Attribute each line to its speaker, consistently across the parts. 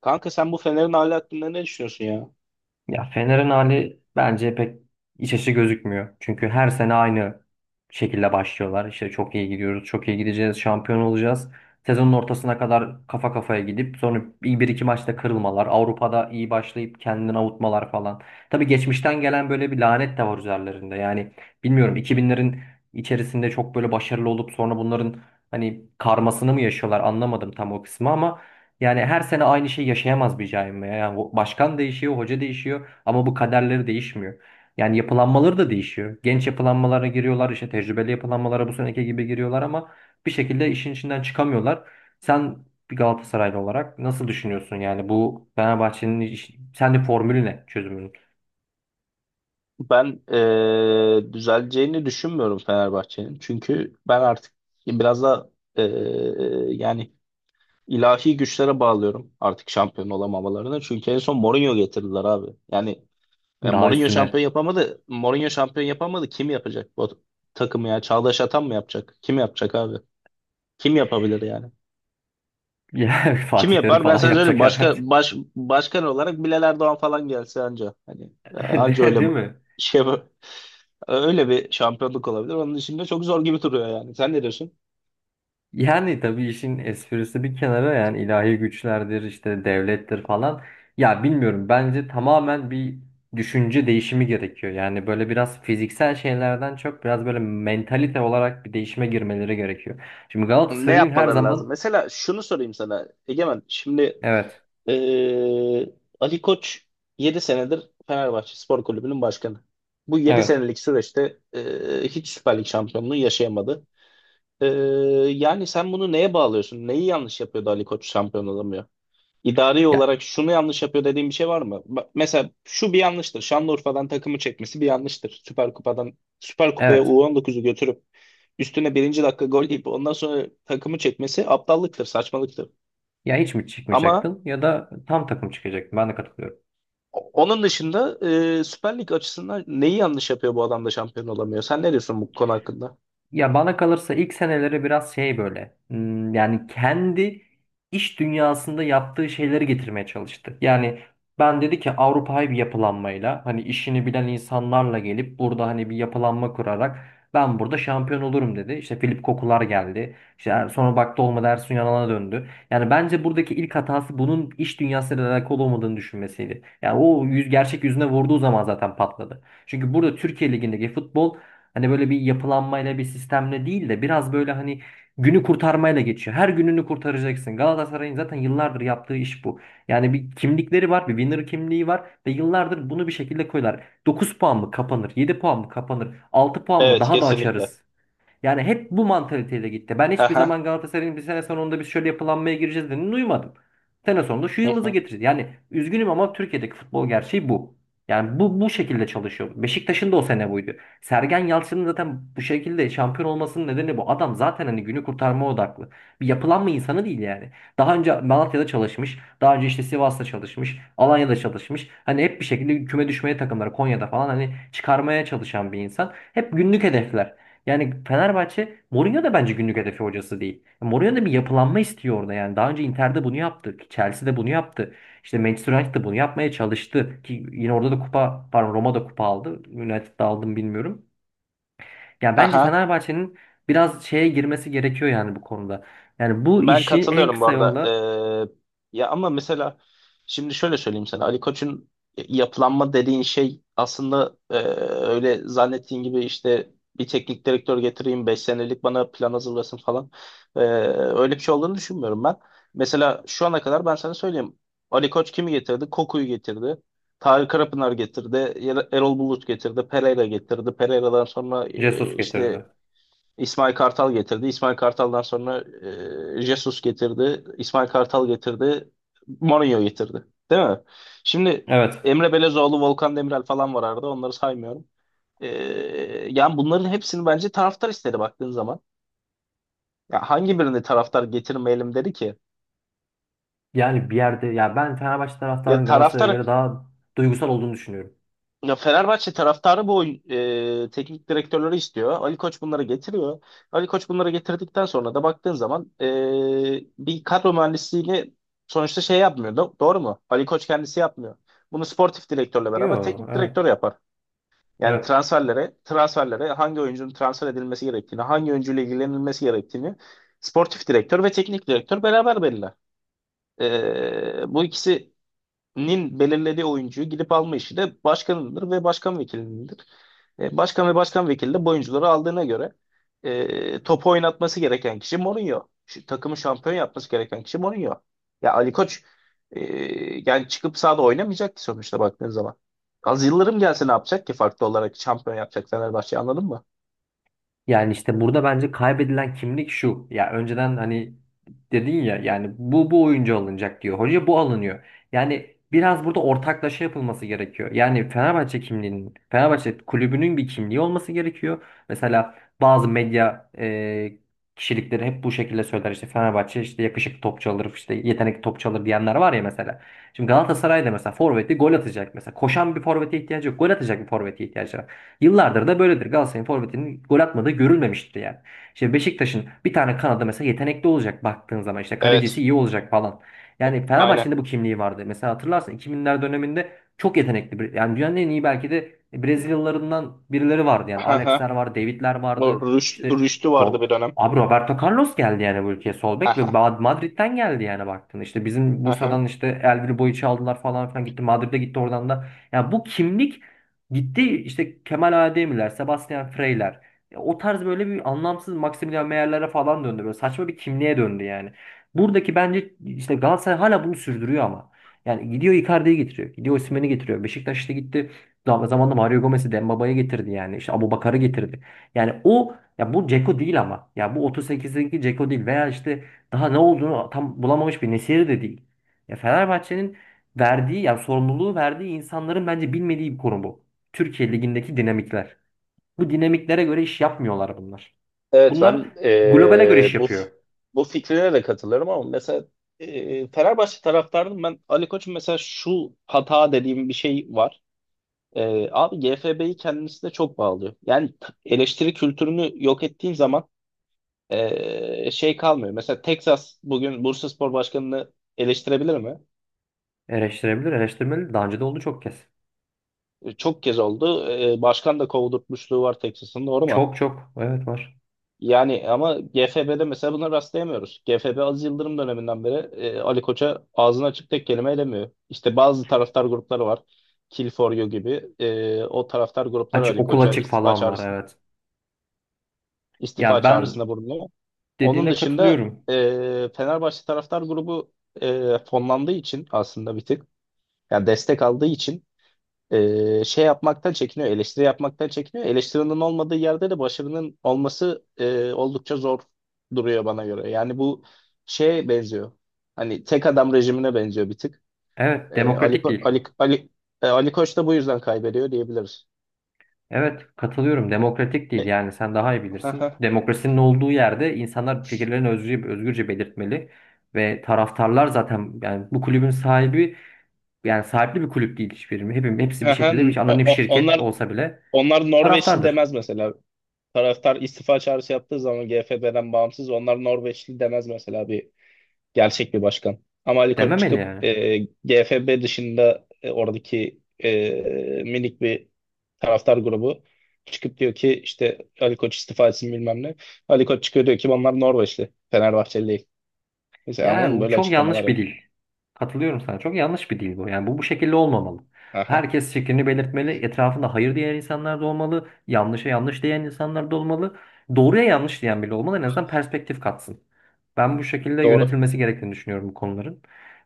Speaker 1: Kanka sen bu Fener'in hali hakkında ne düşünüyorsun ya?
Speaker 2: Ya Fener'in hali bence pek iç açıcı gözükmüyor. Çünkü her sene aynı şekilde başlıyorlar. İşte çok iyi gidiyoruz, çok iyi gideceğiz, şampiyon olacağız. Sezonun ortasına kadar kafa kafaya gidip sonra bir iki maçta kırılmalar, Avrupa'da iyi başlayıp kendini avutmalar falan. Tabii geçmişten gelen böyle bir lanet de var üzerlerinde. Yani bilmiyorum 2000'lerin içerisinde çok böyle başarılı olup sonra bunların hani karmasını mı yaşıyorlar anlamadım tam o kısmı ama yani her sene aynı şeyi yaşayamaz bir cami. Yani başkan değişiyor, hoca değişiyor ama bu kaderleri değişmiyor. Yani yapılanmaları da değişiyor. Genç yapılanmalara giriyorlar, işte tecrübeli yapılanmalara bu seneki gibi giriyorlar ama bir şekilde işin içinden çıkamıyorlar. Sen bir Galatasaraylı olarak nasıl düşünüyorsun yani bu Fenerbahçe'nin sen formülü ne çözümünün?
Speaker 1: Ben düzeleceğini düşünmüyorum Fenerbahçe'nin. Çünkü ben artık biraz da eee, yani ilahi güçlere bağlıyorum artık şampiyon olamamalarını. Çünkü en son Mourinho getirdiler abi. Yani
Speaker 2: Daha
Speaker 1: Mourinho
Speaker 2: üstüne
Speaker 1: şampiyon yapamadı. Mourinho şampiyon yapamadı. Kim yapacak bu takımı ya? Çağdaş Atan mı yapacak? Kim yapacak abi? Kim yapabilir yani?
Speaker 2: ya
Speaker 1: Kim
Speaker 2: Fatih Terim
Speaker 1: yapar? Ben
Speaker 2: falan
Speaker 1: sana söyleyeyim.
Speaker 2: yapacak herhalde.
Speaker 1: Başkan olarak Bilal Erdoğan falan gelse anca. Hani anca öyle
Speaker 2: Değil mi?
Speaker 1: şey yapar. Öyle bir şampiyonluk olabilir. Onun dışında çok zor gibi duruyor yani. Sen ne diyorsun?
Speaker 2: Yani tabii işin esprisi bir kenara, yani ilahi güçlerdir, işte devlettir falan. Ya bilmiyorum, bence tamamen bir düşünce değişimi gerekiyor. Yani böyle biraz fiziksel şeylerden çok biraz böyle mentalite olarak bir değişime girmeleri gerekiyor. Şimdi
Speaker 1: Ne
Speaker 2: Galatasaray'ın her
Speaker 1: yapmaları lazım?
Speaker 2: zaman
Speaker 1: Mesela şunu sorayım sana Egemen. Şimdi
Speaker 2: evet,
Speaker 1: eee, Ali Koç 7 senedir Fenerbahçe Spor Kulübü'nün başkanı. Bu yedi
Speaker 2: evet,
Speaker 1: senelik süreçte hiç Süper Lig şampiyonluğu yaşayamadı. Eee, yani sen bunu neye bağlıyorsun? Neyi yanlış yapıyordu Ali Koç şampiyon olamıyor? İdari
Speaker 2: ya
Speaker 1: olarak şunu yanlış yapıyor dediğim bir şey var mı? Mesela şu bir yanlıştır. Şanlıurfa'dan takımı çekmesi bir yanlıştır. Süper Kupa'dan Süper Kupa'ya
Speaker 2: evet,
Speaker 1: U19'u götürüp üstüne birinci dakika gol yiyip ondan sonra takımı çekmesi aptallıktır, saçmalıktır.
Speaker 2: ya hiç mi
Speaker 1: Ama
Speaker 2: çıkmayacaktın ya da tam takım çıkacaktın, ben de katılıyorum.
Speaker 1: onun dışında Süper Lig açısından neyi yanlış yapıyor bu adam da şampiyon olamıyor? Sen ne diyorsun bu konu hakkında?
Speaker 2: Ya bana kalırsa ilk seneleri biraz şey böyle, yani kendi iş dünyasında yaptığı şeyleri getirmeye çalıştı. Yani ben dedi ki Avrupa'yı bir yapılanmayla, hani işini bilen insanlarla gelip burada hani bir yapılanma kurarak ben burada şampiyon olurum dedi. İşte Filip Kokular geldi. İşte sonra baktı olmadı, Ersun Yanal'a döndü. Yani bence buradaki ilk hatası bunun iş dünyasıyla alakalı olmadığını düşünmesiydi. Yani o yüz gerçek yüzüne vurduğu zaman zaten patladı. Çünkü burada Türkiye Ligi'ndeki futbol, hani böyle bir yapılanmayla bir sistemle değil de biraz böyle hani günü kurtarmayla geçiyor. Her gününü kurtaracaksın. Galatasaray'ın zaten yıllardır yaptığı iş bu. Yani bir kimlikleri var, bir winner kimliği var ve yıllardır bunu bir şekilde koyuyorlar. 9 puan mı kapanır, yedi puan mı kapanır, altı puan mı
Speaker 1: Evet,
Speaker 2: daha da
Speaker 1: kesinlikle.
Speaker 2: açarız. Yani hep bu mantaliteyle gitti. Ben hiçbir
Speaker 1: Haha.
Speaker 2: zaman Galatasaray'ın bir sene sonunda biz şöyle yapılanmaya gireceğiz dediğini duymadım. Sene sonunda şu
Speaker 1: Hı
Speaker 2: yıldızı
Speaker 1: hı.
Speaker 2: getireceğiz. Yani üzgünüm ama Türkiye'deki futbol gerçeği bu. Yani bu şekilde çalışıyor. Beşiktaş'ın da o sene buydu. Sergen Yalçın'ın zaten bu şekilde şampiyon olmasının nedeni bu. Adam zaten hani günü kurtarma odaklı. Bir yapılanma insanı değil yani. Daha önce Malatya'da çalışmış. Daha önce işte Sivas'ta çalışmış. Alanya'da çalışmış. Hani hep bir şekilde küme düşmeye takımları Konya'da falan hani çıkarmaya çalışan bir insan. Hep günlük hedefler. Yani Fenerbahçe Mourinho da bence günlük hedefi hocası değil. Mourinho da bir yapılanma istiyor orada yani. Daha önce Inter'de bunu yaptı. Chelsea'de bunu yaptı. İşte Manchester United bunu yapmaya çalıştı. Ki yine orada da kupa, pardon Roma'da da kupa aldı. United'da aldım bilmiyorum. Yani bence
Speaker 1: Haha.
Speaker 2: Fenerbahçe'nin biraz şeye girmesi gerekiyor yani bu konuda. Yani bu
Speaker 1: Ben
Speaker 2: işi en
Speaker 1: katılıyorum bu
Speaker 2: kısa
Speaker 1: arada.
Speaker 2: yolla
Speaker 1: Ya ama mesela şimdi şöyle söyleyeyim sana. Ali Koç'un yapılanma dediğin şey aslında öyle zannettiğin gibi işte bir teknik direktör getireyim 5 senelik bana plan hazırlasın falan. Ee, öyle bir şey olduğunu düşünmüyorum ben. Mesela şu ana kadar ben sana söyleyeyim. Ali Koç kimi getirdi? Koku'yu getirdi. Tarık Karapınar getirdi. Erol Bulut getirdi. Pereira getirdi. Pereira'dan sonra
Speaker 2: Jesus
Speaker 1: işte
Speaker 2: getirdi.
Speaker 1: İsmail Kartal getirdi. İsmail Kartal'dan sonra Jesus getirdi. İsmail Kartal getirdi. Mourinho getirdi. Değil mi? Şimdi
Speaker 2: Evet.
Speaker 1: Emre Belezoğlu, Volkan Demirel falan var arada. Onları saymıyorum. E, yani bunların hepsini bence taraftar istedi baktığın zaman. Ya hangi birini taraftar getirmeyelim dedi ki?
Speaker 2: Yani bir yerde, ya ben Fenerbahçe
Speaker 1: Ya
Speaker 2: taraftarının Galatasaray'a göre
Speaker 1: taraftar
Speaker 2: daha duygusal olduğunu düşünüyorum.
Speaker 1: Ya Fenerbahçe taraftarı teknik direktörleri istiyor. Ali Koç bunları getiriyor. Ali Koç bunları getirdikten sonra da baktığın zaman bir kadro mühendisliğini sonuçta şey yapmıyor, doğru mu? Ali Koç kendisi yapmıyor. Bunu sportif direktörle beraber
Speaker 2: Yok,
Speaker 1: teknik direktör
Speaker 2: evet.
Speaker 1: yapar. Yani
Speaker 2: Evet.
Speaker 1: transferlere hangi oyuncunun transfer edilmesi gerektiğini, hangi oyuncuyla ilgilenilmesi gerektiğini sportif direktör ve teknik direktör beraber belirler. Bu ikisinin belirlediği oyuncuyu gidip alma işi de başkanındır ve başkan vekilindir. Başkan ve başkan vekili de bu oyuncuları aldığına göre topu oynatması gereken kişi Mourinho. Şu, takımı şampiyon yapması gereken kişi Mourinho. Ya Ali Koç e, yani çıkıp sahada oynamayacak ki sonuçta baktığın zaman. Az Yıldırım gelse ne yapacak ki farklı olarak şampiyon yapacak Fenerbahçe anladın mı?
Speaker 2: Yani işte burada bence kaybedilen kimlik şu. Ya önceden hani dedin ya, yani bu oyuncu alınacak diyor. Hoca bu alınıyor. Yani biraz burada ortaklaşa yapılması gerekiyor. Yani Fenerbahçe kimliğinin, Fenerbahçe kulübünün bir kimliği olması gerekiyor. Mesela bazı medya kişilikleri hep bu şekilde söyler. İşte Fenerbahçe işte yakışıklı topçu alır, işte yetenekli topçu alır diyenler var ya mesela. Şimdi Galatasaray'da mesela forveti gol atacak mesela. Koşan bir forvete ihtiyacı yok. Gol atacak bir forvete ihtiyacı var. Yıllardır da böyledir. Galatasaray'ın forvetinin gol atmadığı görülmemiştir yani. İşte Beşiktaş'ın bir tane kanadı mesela yetenekli olacak, baktığın zaman işte kalecisi
Speaker 1: Evet,
Speaker 2: iyi olacak falan. Yani
Speaker 1: aynen.
Speaker 2: Fenerbahçe'nin de bu kimliği vardı. Mesela hatırlarsın 2000'ler döneminde çok yetenekli, bir yani dünyanın en iyi belki de Brezilyalılarından birileri vardı yani.
Speaker 1: Hı
Speaker 2: Alex'ler
Speaker 1: hı.
Speaker 2: vardı, David'ler
Speaker 1: Bu
Speaker 2: vardı.
Speaker 1: Rüş-
Speaker 2: İşte
Speaker 1: Rüştü vardı
Speaker 2: Ro-
Speaker 1: bir dönem.
Speaker 2: abi Roberto Carlos geldi yani bu ülkeye sol
Speaker 1: Hı
Speaker 2: bek ve
Speaker 1: hı.
Speaker 2: Madrid'den geldi yani baktığında. İşte bizim
Speaker 1: Hı hı.
Speaker 2: Bursa'dan işte Elvir Boyic'i aldılar falan filan, gitti Madrid'e gitti oradan da. Yani bu kimlik gitti. İşte Kemal Ademirler, Sebastian Freyler. Ya o tarz böyle bir anlamsız Maximilian Meyer'lere falan döndü. Böyle saçma bir kimliğe döndü yani. Buradaki bence işte Galatasaray hala bunu sürdürüyor ama. Yani gidiyor Icardi'yi getiriyor. Gidiyor Osimhen'i getiriyor. Beşiktaş işte gitti. Zamanında Mario Gomez'i, Dembaba'yı getirdi yani. İşte Abubakar'ı getirdi. Yani o ya bu Dzeko değil ama. Ya bu 38'deki Dzeko değil veya işte daha ne olduğunu tam bulamamış bir Nesiri de değil. Ya Fenerbahçe'nin verdiği, yani sorumluluğu verdiği insanların bence bilmediği bir konu bu. Türkiye ligindeki dinamikler. Bu dinamiklere göre iş yapmıyorlar bunlar.
Speaker 1: Evet,
Speaker 2: Bunlar
Speaker 1: ben
Speaker 2: globale göre iş
Speaker 1: bu
Speaker 2: yapıyor.
Speaker 1: bu fikrine de katılırım ama mesela Fenerbahçe taraftardım ben Ali Koç'un mesela şu hata dediğim bir şey var. Abi GFB'yi kendisine çok bağlıyor. Yani eleştiri kültürünü yok ettiğin zaman şey kalmıyor. Mesela Texas bugün Bursaspor Başkanı'nı eleştirebilir mi?
Speaker 2: Eleştirebilir, eleştirmeli. Daha önce de oldu çok kez.
Speaker 1: Çok kez oldu. Başkan da kovdurtmuşluğu var Texas'ın, doğru mu?
Speaker 2: Çok çok. Evet var.
Speaker 1: Yani ama GFB'de mesela buna rastlayamıyoruz. GFB Aziz Yıldırım döneminden beri Ali Koç'a ağzını açık tek kelime edemiyor. İşte bazı taraftar grupları var. Kill for You gibi. O taraftar grupları
Speaker 2: Aç,
Speaker 1: Ali
Speaker 2: okul
Speaker 1: Koç'a
Speaker 2: açık falan var, evet. Ya
Speaker 1: istifa
Speaker 2: ben
Speaker 1: çağrısında bulunuyor. Onun
Speaker 2: dediğine
Speaker 1: dışında
Speaker 2: katılıyorum.
Speaker 1: Fenerbahçe taraftar grubu fonlandığı için aslında bir tık, yani destek aldığı için şey yapmaktan çekiniyor, eleştiri yapmaktan çekiniyor. Eleştirinin olmadığı yerde de başarının olması oldukça zor duruyor bana göre. Yani bu şeye benziyor. Hani tek adam rejimine benziyor bir tık.
Speaker 2: Evet,
Speaker 1: E, Ali,
Speaker 2: demokratik
Speaker 1: Ko-
Speaker 2: değil.
Speaker 1: Ali, Ali, e, Ali Koç da bu yüzden kaybediyor diyebiliriz.
Speaker 2: Evet katılıyorum, demokratik değil. Yani sen daha iyi bilirsin.
Speaker 1: Haha.
Speaker 2: Demokrasinin olduğu yerde insanlar fikirlerini özgürce, özgürce belirtmeli. Ve taraftarlar zaten yani bu kulübün sahibi. Yani sahipli bir kulüp değil hiçbiri. Hepsi bir
Speaker 1: Haha.
Speaker 2: şekilde bir anonim
Speaker 1: O- o-
Speaker 2: şirket
Speaker 1: Onlar
Speaker 2: olsa bile
Speaker 1: onlar Norveçli
Speaker 2: taraftardır.
Speaker 1: demez mesela. Taraftar istifa çağrısı yaptığı zaman GFB'den bağımsız onlar Norveçli demez mesela, bir gerçek bir başkan. Ama Ali Koç
Speaker 2: Dememeli
Speaker 1: çıkıp
Speaker 2: yani.
Speaker 1: GFB dışında oradaki minik bir taraftar grubu çıkıp diyor ki işte Ali Koç istifa etsin bilmem ne. Ali Koç çıkıyor diyor ki bunlar Norveçli, Fenerbahçeli değil. Mesela anladın mı?
Speaker 2: Yani bu
Speaker 1: Böyle
Speaker 2: çok
Speaker 1: açıklamalar
Speaker 2: yanlış bir
Speaker 1: yap.
Speaker 2: dil. Katılıyorum sana. Çok yanlış bir dil bu. Yani bu şekilde olmamalı.
Speaker 1: Aha,
Speaker 2: Herkes fikrini belirtmeli. Etrafında hayır diyen insanlar da olmalı. Yanlışa yanlış diyen insanlar da olmalı. Doğruya yanlış diyen bile olmalı. En azından perspektif katsın. Ben bu şekilde
Speaker 1: doğru.
Speaker 2: yönetilmesi gerektiğini düşünüyorum bu konuların.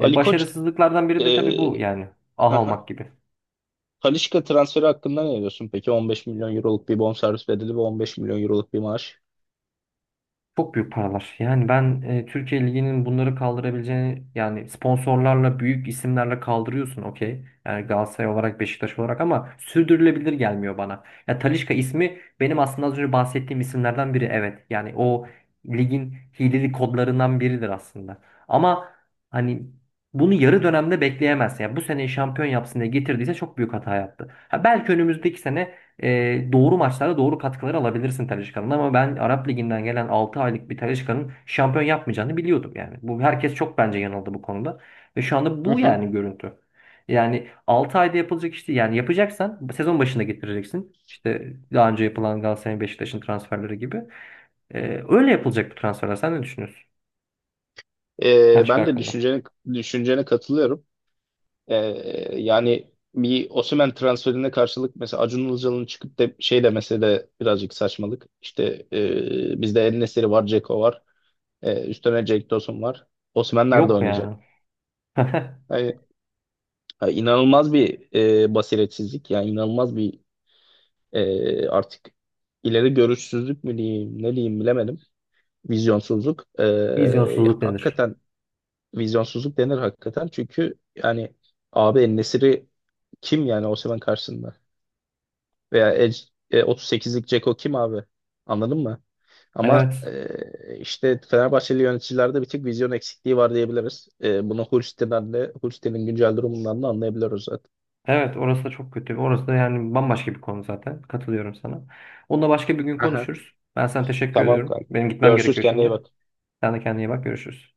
Speaker 1: Ali Koç
Speaker 2: Başarısızlıklardan biri de tabii bu
Speaker 1: e,
Speaker 2: yani. Ah
Speaker 1: aha.
Speaker 2: almak gibi.
Speaker 1: Talisca transferi hakkında ne diyorsun peki? 15 milyon euroluk bir bonservis bedeli ve 15 milyon euroluk bir maaş.
Speaker 2: Çok büyük paralar. Yani ben Türkiye Ligi'nin bunları kaldırabileceğini, yani sponsorlarla büyük isimlerle kaldırıyorsun, okey. Yani Galatasaray olarak, Beşiktaş olarak, ama sürdürülebilir gelmiyor bana. Ya Talisca ismi benim aslında az önce bahsettiğim isimlerden biri, evet. Yani o ligin hileli kodlarından biridir aslında. Ama hani bunu yarı dönemde bekleyemezsin. Yani bu sene şampiyon yapsın diye getirdiyse çok büyük hata yaptı. Ha, belki önümüzdeki sene doğru maçlarda doğru katkıları alabilirsin Talisca'nın, ama ben Arap Ligi'nden gelen 6 aylık bir Talisca'nın şampiyon yapmayacağını biliyordum yani. Bu herkes çok bence yanıldı bu konuda ve şu anda
Speaker 1: Hı
Speaker 2: bu
Speaker 1: hı.
Speaker 2: yani görüntü. Yani 6 ayda yapılacak işte, yani yapacaksan sezon başında getireceksin. İşte daha önce yapılan Galatasaray'ın Beşiktaş'ın transferleri gibi. E, öyle yapılacak bu transferler. Sen ne düşünüyorsun Talisca
Speaker 1: Ben de
Speaker 2: hakkında?
Speaker 1: düşüncene katılıyorum. Ee, yani bir Osimhen transferine karşılık mesela Acun Ilıcalı'nın çıkıp da şey demesi de birazcık saçmalık. İşte bizde El-Nesiri var, Dzeko var. Üstüne Cenk Tosun var. Osimhen nerede
Speaker 2: Yok
Speaker 1: oynayacak?
Speaker 2: yani.
Speaker 1: Yani, yani, inanılmaz bir basiretsizlik. Yani inanılmaz bir artık ileri görüşsüzlük mü diyeyim, ne diyeyim bilemedim. Vizyonsuzluk.
Speaker 2: Vizyonsuzluk nedir?
Speaker 1: Hakikaten vizyonsuzluk denir hakikaten. Çünkü yani abi El-Nesiri kim yani Osimhen karşısında? Veya 38'lik Ceko kim abi? Anladın mı? Ama
Speaker 2: Evet.
Speaker 1: işte Fenerbahçeli yöneticilerde bir tek vizyon eksikliği var diyebiliriz. Bunu Hulsti'nin güncel durumundan da anlayabiliyoruz zaten.
Speaker 2: Evet, orası da çok kötü. Orası da yani bambaşka bir konu zaten. Katılıyorum sana. Onunla başka bir gün
Speaker 1: Aha,
Speaker 2: konuşuruz. Ben sana teşekkür
Speaker 1: tamam
Speaker 2: ediyorum.
Speaker 1: kanka.
Speaker 2: Benim gitmem
Speaker 1: Görüşürüz,
Speaker 2: gerekiyor
Speaker 1: kendine iyi
Speaker 2: şimdi.
Speaker 1: bak.
Speaker 2: Sen de kendine iyi bak. Görüşürüz.